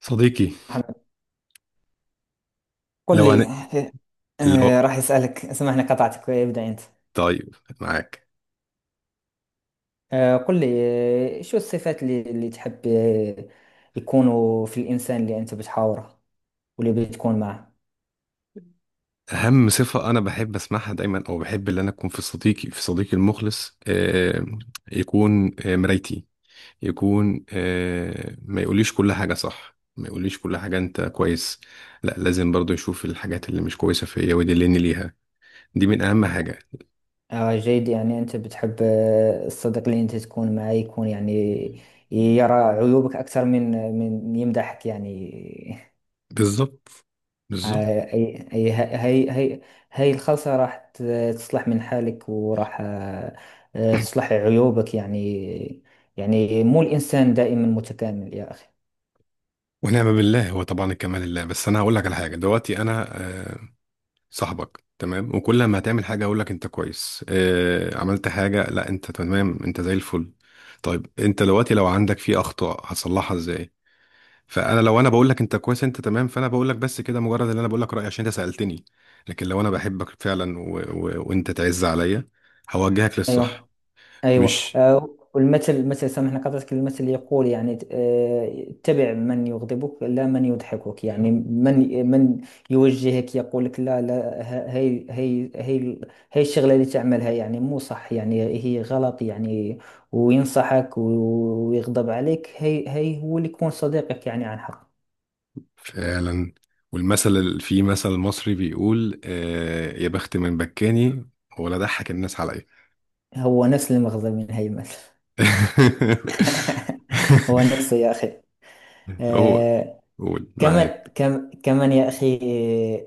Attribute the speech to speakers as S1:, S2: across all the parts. S1: صديقي.
S2: محمد، قل
S1: لو
S2: لي.
S1: أنا لو
S2: راح أسألك، سامحني قطعتك، ابدأ أنت.
S1: طيب معاك
S2: قل لي. شو الصفات اللي تحب يكونوا في الإنسان اللي أنت بتحاوره واللي بتكون معه.
S1: أهم صفة أنا بحب أسمعها دايما، أو بحب إن أنا أكون في صديقي المخلص، يكون مرايتي، يكون ما يقوليش كل حاجة صح، ما يقوليش كل حاجة أنت كويس. لا، لازم برضو يشوف الحاجات اللي مش كويسة فيا ويدلني ليها. دي من أهم حاجة.
S2: جيد، يعني أنت بتحب الصديق اللي أنت تكون معه يكون، يعني يرى عيوبك أكثر من من يمدحك يعني.
S1: بالظبط، بالظبط.
S2: هاي هاي الخلطة راح تصلح من حالك، وراح تصلح عيوبك يعني. يعني مو الإنسان دائما متكامل يا أخي.
S1: ونعم بالله، هو طبعا الكمال لله، بس أنا هقول لك على حاجة دلوقتي. أنا آه، صاحبك تمام، وكل ما هتعمل حاجة أقول لك أنت كويس، عملت حاجة، لا أنت تمام، أنت زي الفل. طيب أنت دلوقتي لو عندك في أخطاء هتصلحها إزاي؟ فأنا لو أنا بقول لك أنت كويس أنت تمام، فأنا بقول لك بس كده، مجرد إن أنا بقول لك رأيي عشان أنت سألتني. لكن لو أنا بحبك فعلا و... و... وأنت تعز عليا، هوجهك
S2: أيوه،
S1: للصح.
S2: ايوه
S1: مش
S2: والمثل المثل سامحني قطعتك المثل يقول يعني اتبع من يغضبك لا من يضحكك، يعني من يوجهك، يقول لك لا لا هي هي الشغله اللي تعملها يعني مو صح، يعني هي غلط يعني، وينصحك ويغضب عليك. هي هو اللي يكون صديقك يعني عن حق.
S1: فعلا. والمثل في مثل مصري بيقول يا بخت من بكاني ولا ضحك الناس عليا.
S2: هو نفس المغزى من هي المثل. هو نفسه يا اخي.
S1: هو
S2: آه،
S1: قول معاك.
S2: كمان كمان يا أخي،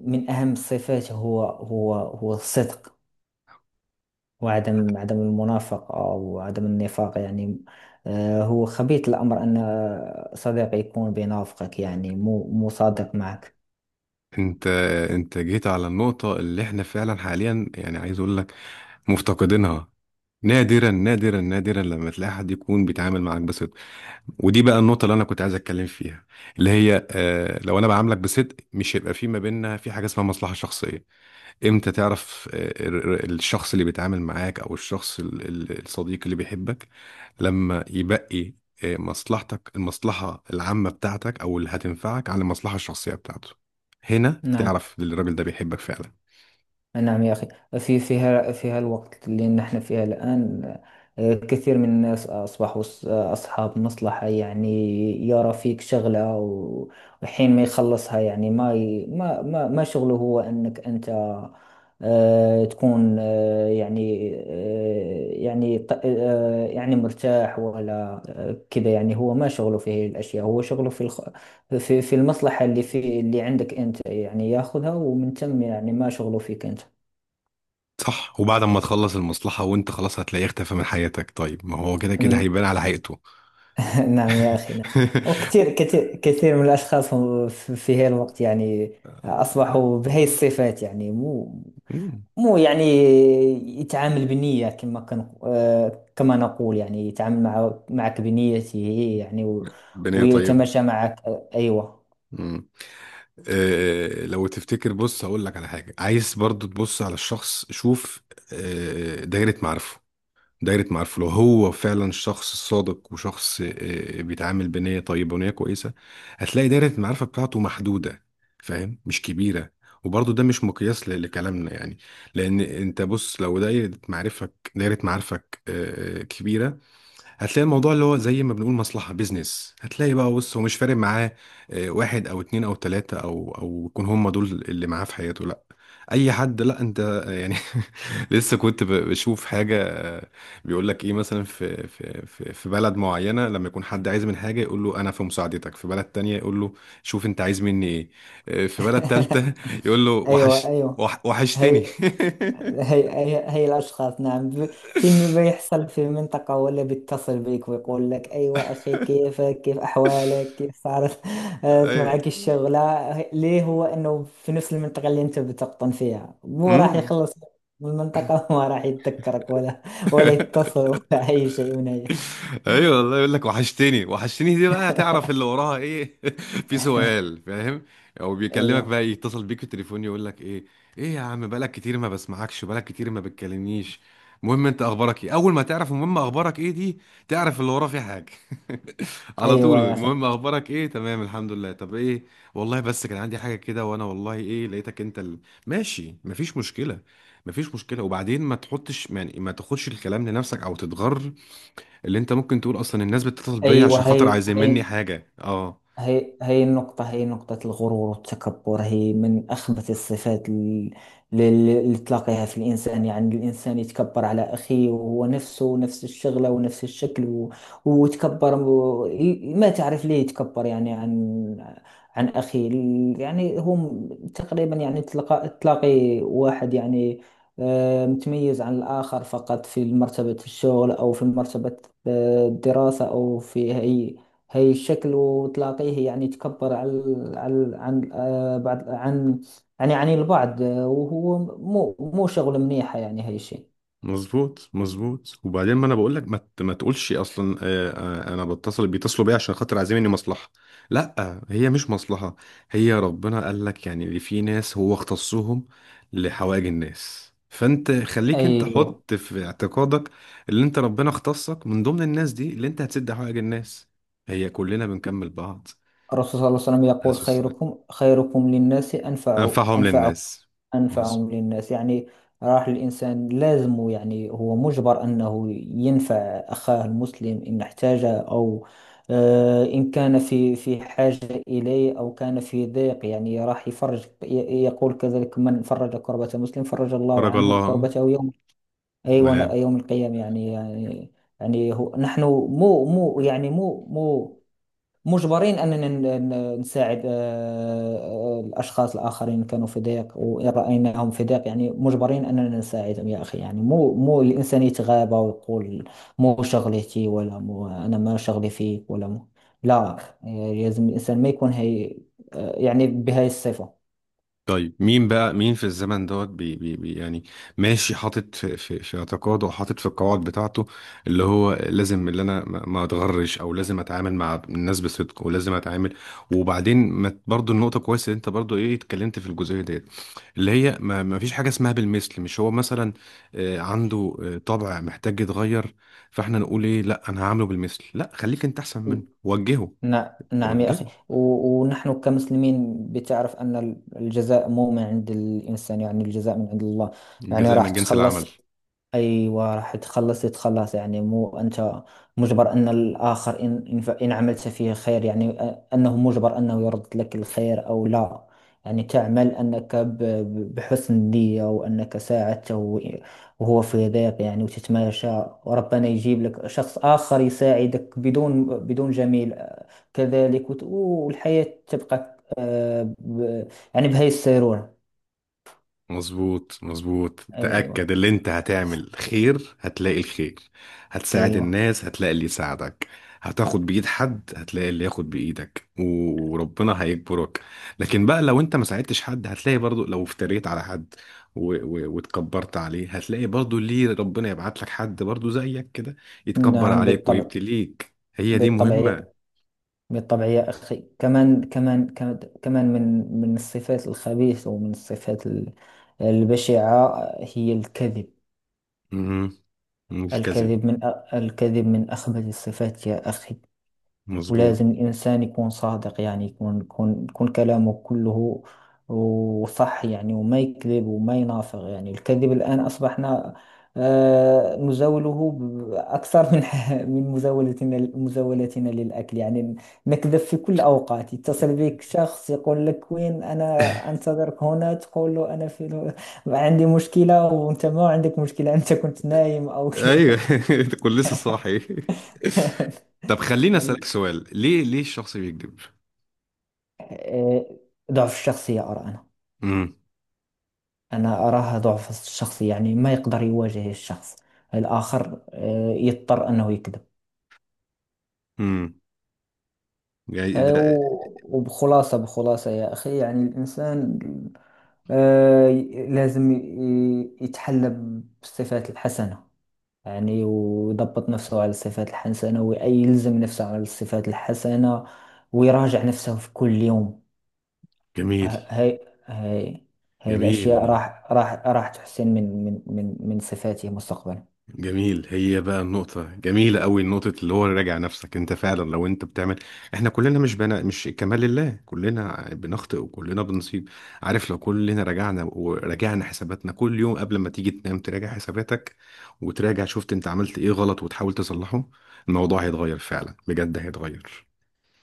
S2: من أهم الصفات هو هو الصدق، وعدم المنافقة، وعدم النفاق يعني. هو خبيث الأمر أن صديق يكون بينافقك، يعني مو صادق معك.
S1: انت انت جيت على النقطة اللي احنا فعلا حاليا يعني عايز اقول لك، مفتقدينها. نادرا نادرا نادرا لما تلاقي حد يكون بيتعامل معاك بصدق. ودي بقى النقطة اللي انا كنت عايز اتكلم فيها، اللي هي اه لو انا بعاملك بصدق، مش هيبقى في ما بيننا في حاجة اسمها مصلحة شخصية. امتى تعرف الشخص اللي بيتعامل معاك او الصديق اللي بيحبك؟ لما يبقي مصلحتك، المصلحة العامة بتاعتك او اللي هتنفعك، على المصلحة الشخصية بتاعته، هنا
S2: نعم،
S1: تعرف ان الراجل ده بيحبك فعلا.
S2: نعم يا أخي. في فيها الوقت اللي نحن فيها الآن، كثير من الناس أصبحوا أصحاب مصلحة يعني، يرى فيك شغلة وحين ما يخلصها، يعني ما ما شغله هو أنك أنت تكون يعني يعني يعني مرتاح، ولا كذا، يعني هو ما شغله في هذه الأشياء، هو شغله في في المصلحة اللي عندك أنت، يعني ياخذها، ومن ثم يعني ما شغله فيك أنت.
S1: صح، وبعد ما تخلص المصلحة وانت خلاص هتلاقيه اختفى من حياتك. طيب ما هو كده كده
S2: ن-
S1: هيبان على حقيقته.
S2: نعم يا أخي، نعم. وكثير كثير كثير من الأشخاص هم في هذا الوقت، يعني أصبحوا بهي الصفات، يعني مو
S1: مم.
S2: مو يعني يتعامل بنية، كما كان كما نقول يعني، يتعامل معك بنيته هي، يعني
S1: بنية طيبة.
S2: ويتماشى معك. أيوة.
S1: لو تفتكر بص هقول لك على حاجة، عايز برضو تبص على الشخص، شوف دايرة معارفه. دايرة معارفه لو هو فعلا شخص صادق وشخص بيتعامل بنية طيبة ونية كويسة، هتلاقي دايرة المعرفة بتاعته محدودة، فاهم، مش كبيرة. وبرضو ده مش مقياس لكلامنا يعني، لأن أنت بص لو دايرة معارفك كبيرة، هتلاقي الموضوع اللي هو زي ما بنقول مصلحة بيزنس، هتلاقي بقى بص هو مش فارق معاه واحد او اتنين او تلاتة او يكون هم دول اللي معاه في حياته. لا، اي حد. لا انت يعني لسه كنت بشوف حاجة بيقول لك ايه، مثلا في بلد معينة لما يكون حد عايز من حاجة، يقول له انا في مساعدتك. في بلد تانية يقول له شوف انت عايز مني ايه. في بلد تالتة يقول له
S2: أيوة،
S1: وحش.
S2: أيوة.
S1: وحشتني.
S2: هي هي هي الأشخاص، نعم. فيلم بيحصل في منطقة، ولا بيتصل بيك ويقول لك أيوة أخي، كيفك؟ كيف أحوالك؟ كيف صارت
S1: أي-
S2: معك الشغلة؟ ليه؟ هو أنه في نفس المنطقة اللي أنت بتقطن فيها، مو راح
S1: مم.
S2: يخلص من المنطقة وما راح يتذكرك ولا ولا يتصل ولا أي شيء من أي.
S1: ايوه والله، يقول لك وحشتني وحشتني، دي بقى هتعرف اللي وراها ايه، في سؤال فاهم؟ او بيكلمك
S2: أيوة،
S1: بقى، يتصل بيك في التليفون يقول لك ايه، ايه يا عم بقالك كتير ما بسمعكش، بقالك كتير ما بتكلمنيش، المهم انت اخبارك ايه. اول ما تعرف المهم اخبارك ايه، دي تعرف اللي وراه في حاجه. على طول
S2: أيوة يا أخي،
S1: المهم اخبارك ايه، تمام الحمد لله، طب ايه؟ والله بس كان عندي حاجه كده وانا والله ايه لقيتك انت. ماشي مفيش مشكله. مفيش مشكله، وبعدين ما تحطش يعني ما تاخدش الكلام لنفسك او تتغر، اللي انت ممكن تقول اصلا الناس بتتصل بيا
S2: أيوة.
S1: عشان خاطر
S2: هي
S1: عايزين مني
S2: هي
S1: حاجه، اه.
S2: هي هي النقطة، هي نقطة الغرور والتكبر، هي من أخبث الصفات ال- اللي تلاقيها في الإنسان، يعني الإنسان يتكبر على أخيه، وهو نفسه نفس الشغلة ونفس الشكل ويتكبر ما تعرف ليه يتكبر، يعني عن عن أخيه. يعني هم تقريبا، يعني تلاقي واحد يعني متميز عن الآخر فقط في مرتبة الشغل، أو في مرتبة الدراسة، أو في هي الشكل، وتلاقيه يعني تكبر على على عن بعض، عن يعني عن البعض، وهو مو شغل منيحة، يعني هي الشيء.
S1: مظبوط، مظبوت. وبعدين، ما انا بقول لك، ما تقولش اصلا انا بيتصلوا بيا عشان خاطر عايزين مني مصلحه. لا، هي مش مصلحه، هي ربنا قال لك يعني اللي في ناس هو اختصهم لحوائج الناس، فانت خليك انت
S2: أيوة.
S1: حط في اعتقادك اللي انت ربنا اختصك من ضمن الناس دي، اللي انت هتسد حوائج الناس، هي كلنا بنكمل بعض.
S2: الرسول صلى الله عليه وسلم
S1: عليه
S2: يقول:
S1: الصلاة والسلام.
S2: خيركم للناس
S1: انفعهم
S2: أنفع،
S1: للناس. مظبوط.
S2: أنفعهم للناس يعني. راح الإنسان لازم، يعني هو مجبر أنه ينفع أخاه المسلم إن احتاج، أو إن كان في حاجة إليه، أو كان في ضيق. يعني راح يفرج، يقول كذلك: من فرج كربة مسلم فرج الله
S1: بارك
S2: عنه
S1: الله.
S2: كربته يوم،
S1: ولا؟
S2: أيوة، يوم القيامة يعني. يعني يعني هو نحن مو يعني مو مجبرين أننا نساعد الأشخاص الآخرين. كانوا في ضيق، وإن رأيناهم في ضيق، يعني مجبرين أننا نساعدهم يا أخي. يعني مو الإنسان يتغابى ويقول مو شغلتي، ولا مو أنا، ما شغلي فيك، ولا مو. لا، يعني لازم الإنسان ما يكون هي يعني بهاي الصفة.
S1: طيب مين بقى مين في الزمن دوت بي بي بي يعني ماشي حاطط في اعتقاده وحاطط في القواعد بتاعته، اللي هو لازم اللي انا ما اتغرش، او لازم اتعامل مع الناس بصدق، ولازم اتعامل. وبعدين ما برضو النقطه كويسه اللي انت برضو ايه اتكلمت في الجزئيه ديت، اللي هي ما فيش حاجه اسمها بالمثل. مش هو مثلا عنده طبع محتاج يتغير، فاحنا نقول ايه؟ لا، انا هعمله بالمثل. لا، خليك انت احسن منه، وجهه.
S2: نعم، نعم يا أخي.
S1: وجهه،
S2: ونحن كمسلمين بتعرف أن الجزاء مو من عند الإنسان، يعني الجزاء من عند الله. يعني
S1: الجزاء
S2: راح
S1: من جنس
S2: تخلص،
S1: العمل.
S2: أيوة راح تخلص، يتخلص. يعني مو أنت مجبر أن الآخر إن إن عملت فيه خير، يعني أنه مجبر أنه يرد لك الخير أو لا. يعني تعمل أنك بحسن نية، وأنك ساعدته وهو في ضيق، يعني، وتتماشى، وربنا يجيب لك شخص آخر يساعدك بدون بدون جميل كذلك، والحياة تبقى يعني بهي السيرورة.
S1: مظبوط، مظبوط. تأكد
S2: أيوة،
S1: اللي انت هتعمل خير هتلاقي الخير، هتساعد
S2: أيوة.
S1: الناس هتلاقي اللي يساعدك، هتاخد بإيد حد هتلاقي اللي ياخد بإيدك، وربنا هيجبرك. لكن بقى لو انت ما ساعدتش حد هتلاقي برضو، لو افتريت على حد و... و... واتكبرت عليه، هتلاقي برضو ليه ربنا يبعت لك حد برضو زيك كده يتكبر
S2: نعم
S1: عليك
S2: بالطبع،
S1: ويبتليك. هي دي
S2: بالطبع.
S1: مهمة.
S2: بالطبع يا أخي. كمان، كمان، كمان، كمان من من الصفات الخبيثة، ومن الصفات البشعة، هي الكذب.
S1: مهم. الكذب.
S2: الكذب من الكذب من أخبث الصفات يا أخي.
S1: مظبوط.
S2: ولازم الإنسان يكون صادق، يعني يكون يكون كلامه كله وصح، يعني وما يكذب وما ينافق يعني. الكذب الآن أصبحنا نزاوله أكثر من من مزاولتنا للأكل يعني. نكذب في كل أوقات. يتصل بك شخص يقول لك: وين أنا أنتظرك هنا؟ تقول له أنا في عندي مشكلة، وأنت ما عندك مشكلة، أنت كنت نايم أو
S1: ايوه. كنت لسه صاحي. طب خليني اسالك سؤال، ليه ليه الشخص بيكذب؟
S2: ضعف الشخصية أرى، أنا
S1: امم
S2: أنا أراها ضعف الشخص. يعني ما يقدر يواجه الشخص الآخر، يضطر أنه يكذب.
S1: امم يعني ده.
S2: وبخلاصة، بخلاصة يا أخي، يعني الإنسان آه، لازم يتحلى بالصفات الحسنة، يعني ويضبط نفسه على الصفات الحسنة، ويلزم نفسه على الصفات الحسنة، ويراجع نفسه في كل يوم.
S1: جميل.
S2: ه- هاي هاي هاي الأشياء
S1: جميل،
S2: راح راح تحسن من من صفاته مستقبلا.
S1: جميل. هي بقى النقطة جميلة قوي، نقطة اللي هو راجع نفسك، انت فعلا لو انت بتعمل، احنا كلنا مش بنا، مش كمال لله، كلنا بنخطئ وكلنا بنصيب، عارف؟ لو كلنا رجعنا وراجعنا حساباتنا كل يوم، قبل ما تيجي تنام تراجع حساباتك، وتراجع شفت انت عملت ايه غلط وتحاول تصلحه، الموضوع هيتغير فعلا، بجد هيتغير.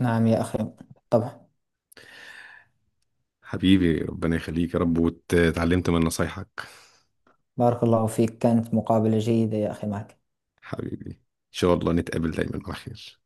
S2: نعم يا أخي، طبعا.
S1: حبيبي ربنا يخليك يا رب، واتعلمت من نصايحك.
S2: بارك الله فيك، كانت مقابلة جيدة يا أخي معك.
S1: حبيبي، ان شاء الله نتقابل دايما على خير.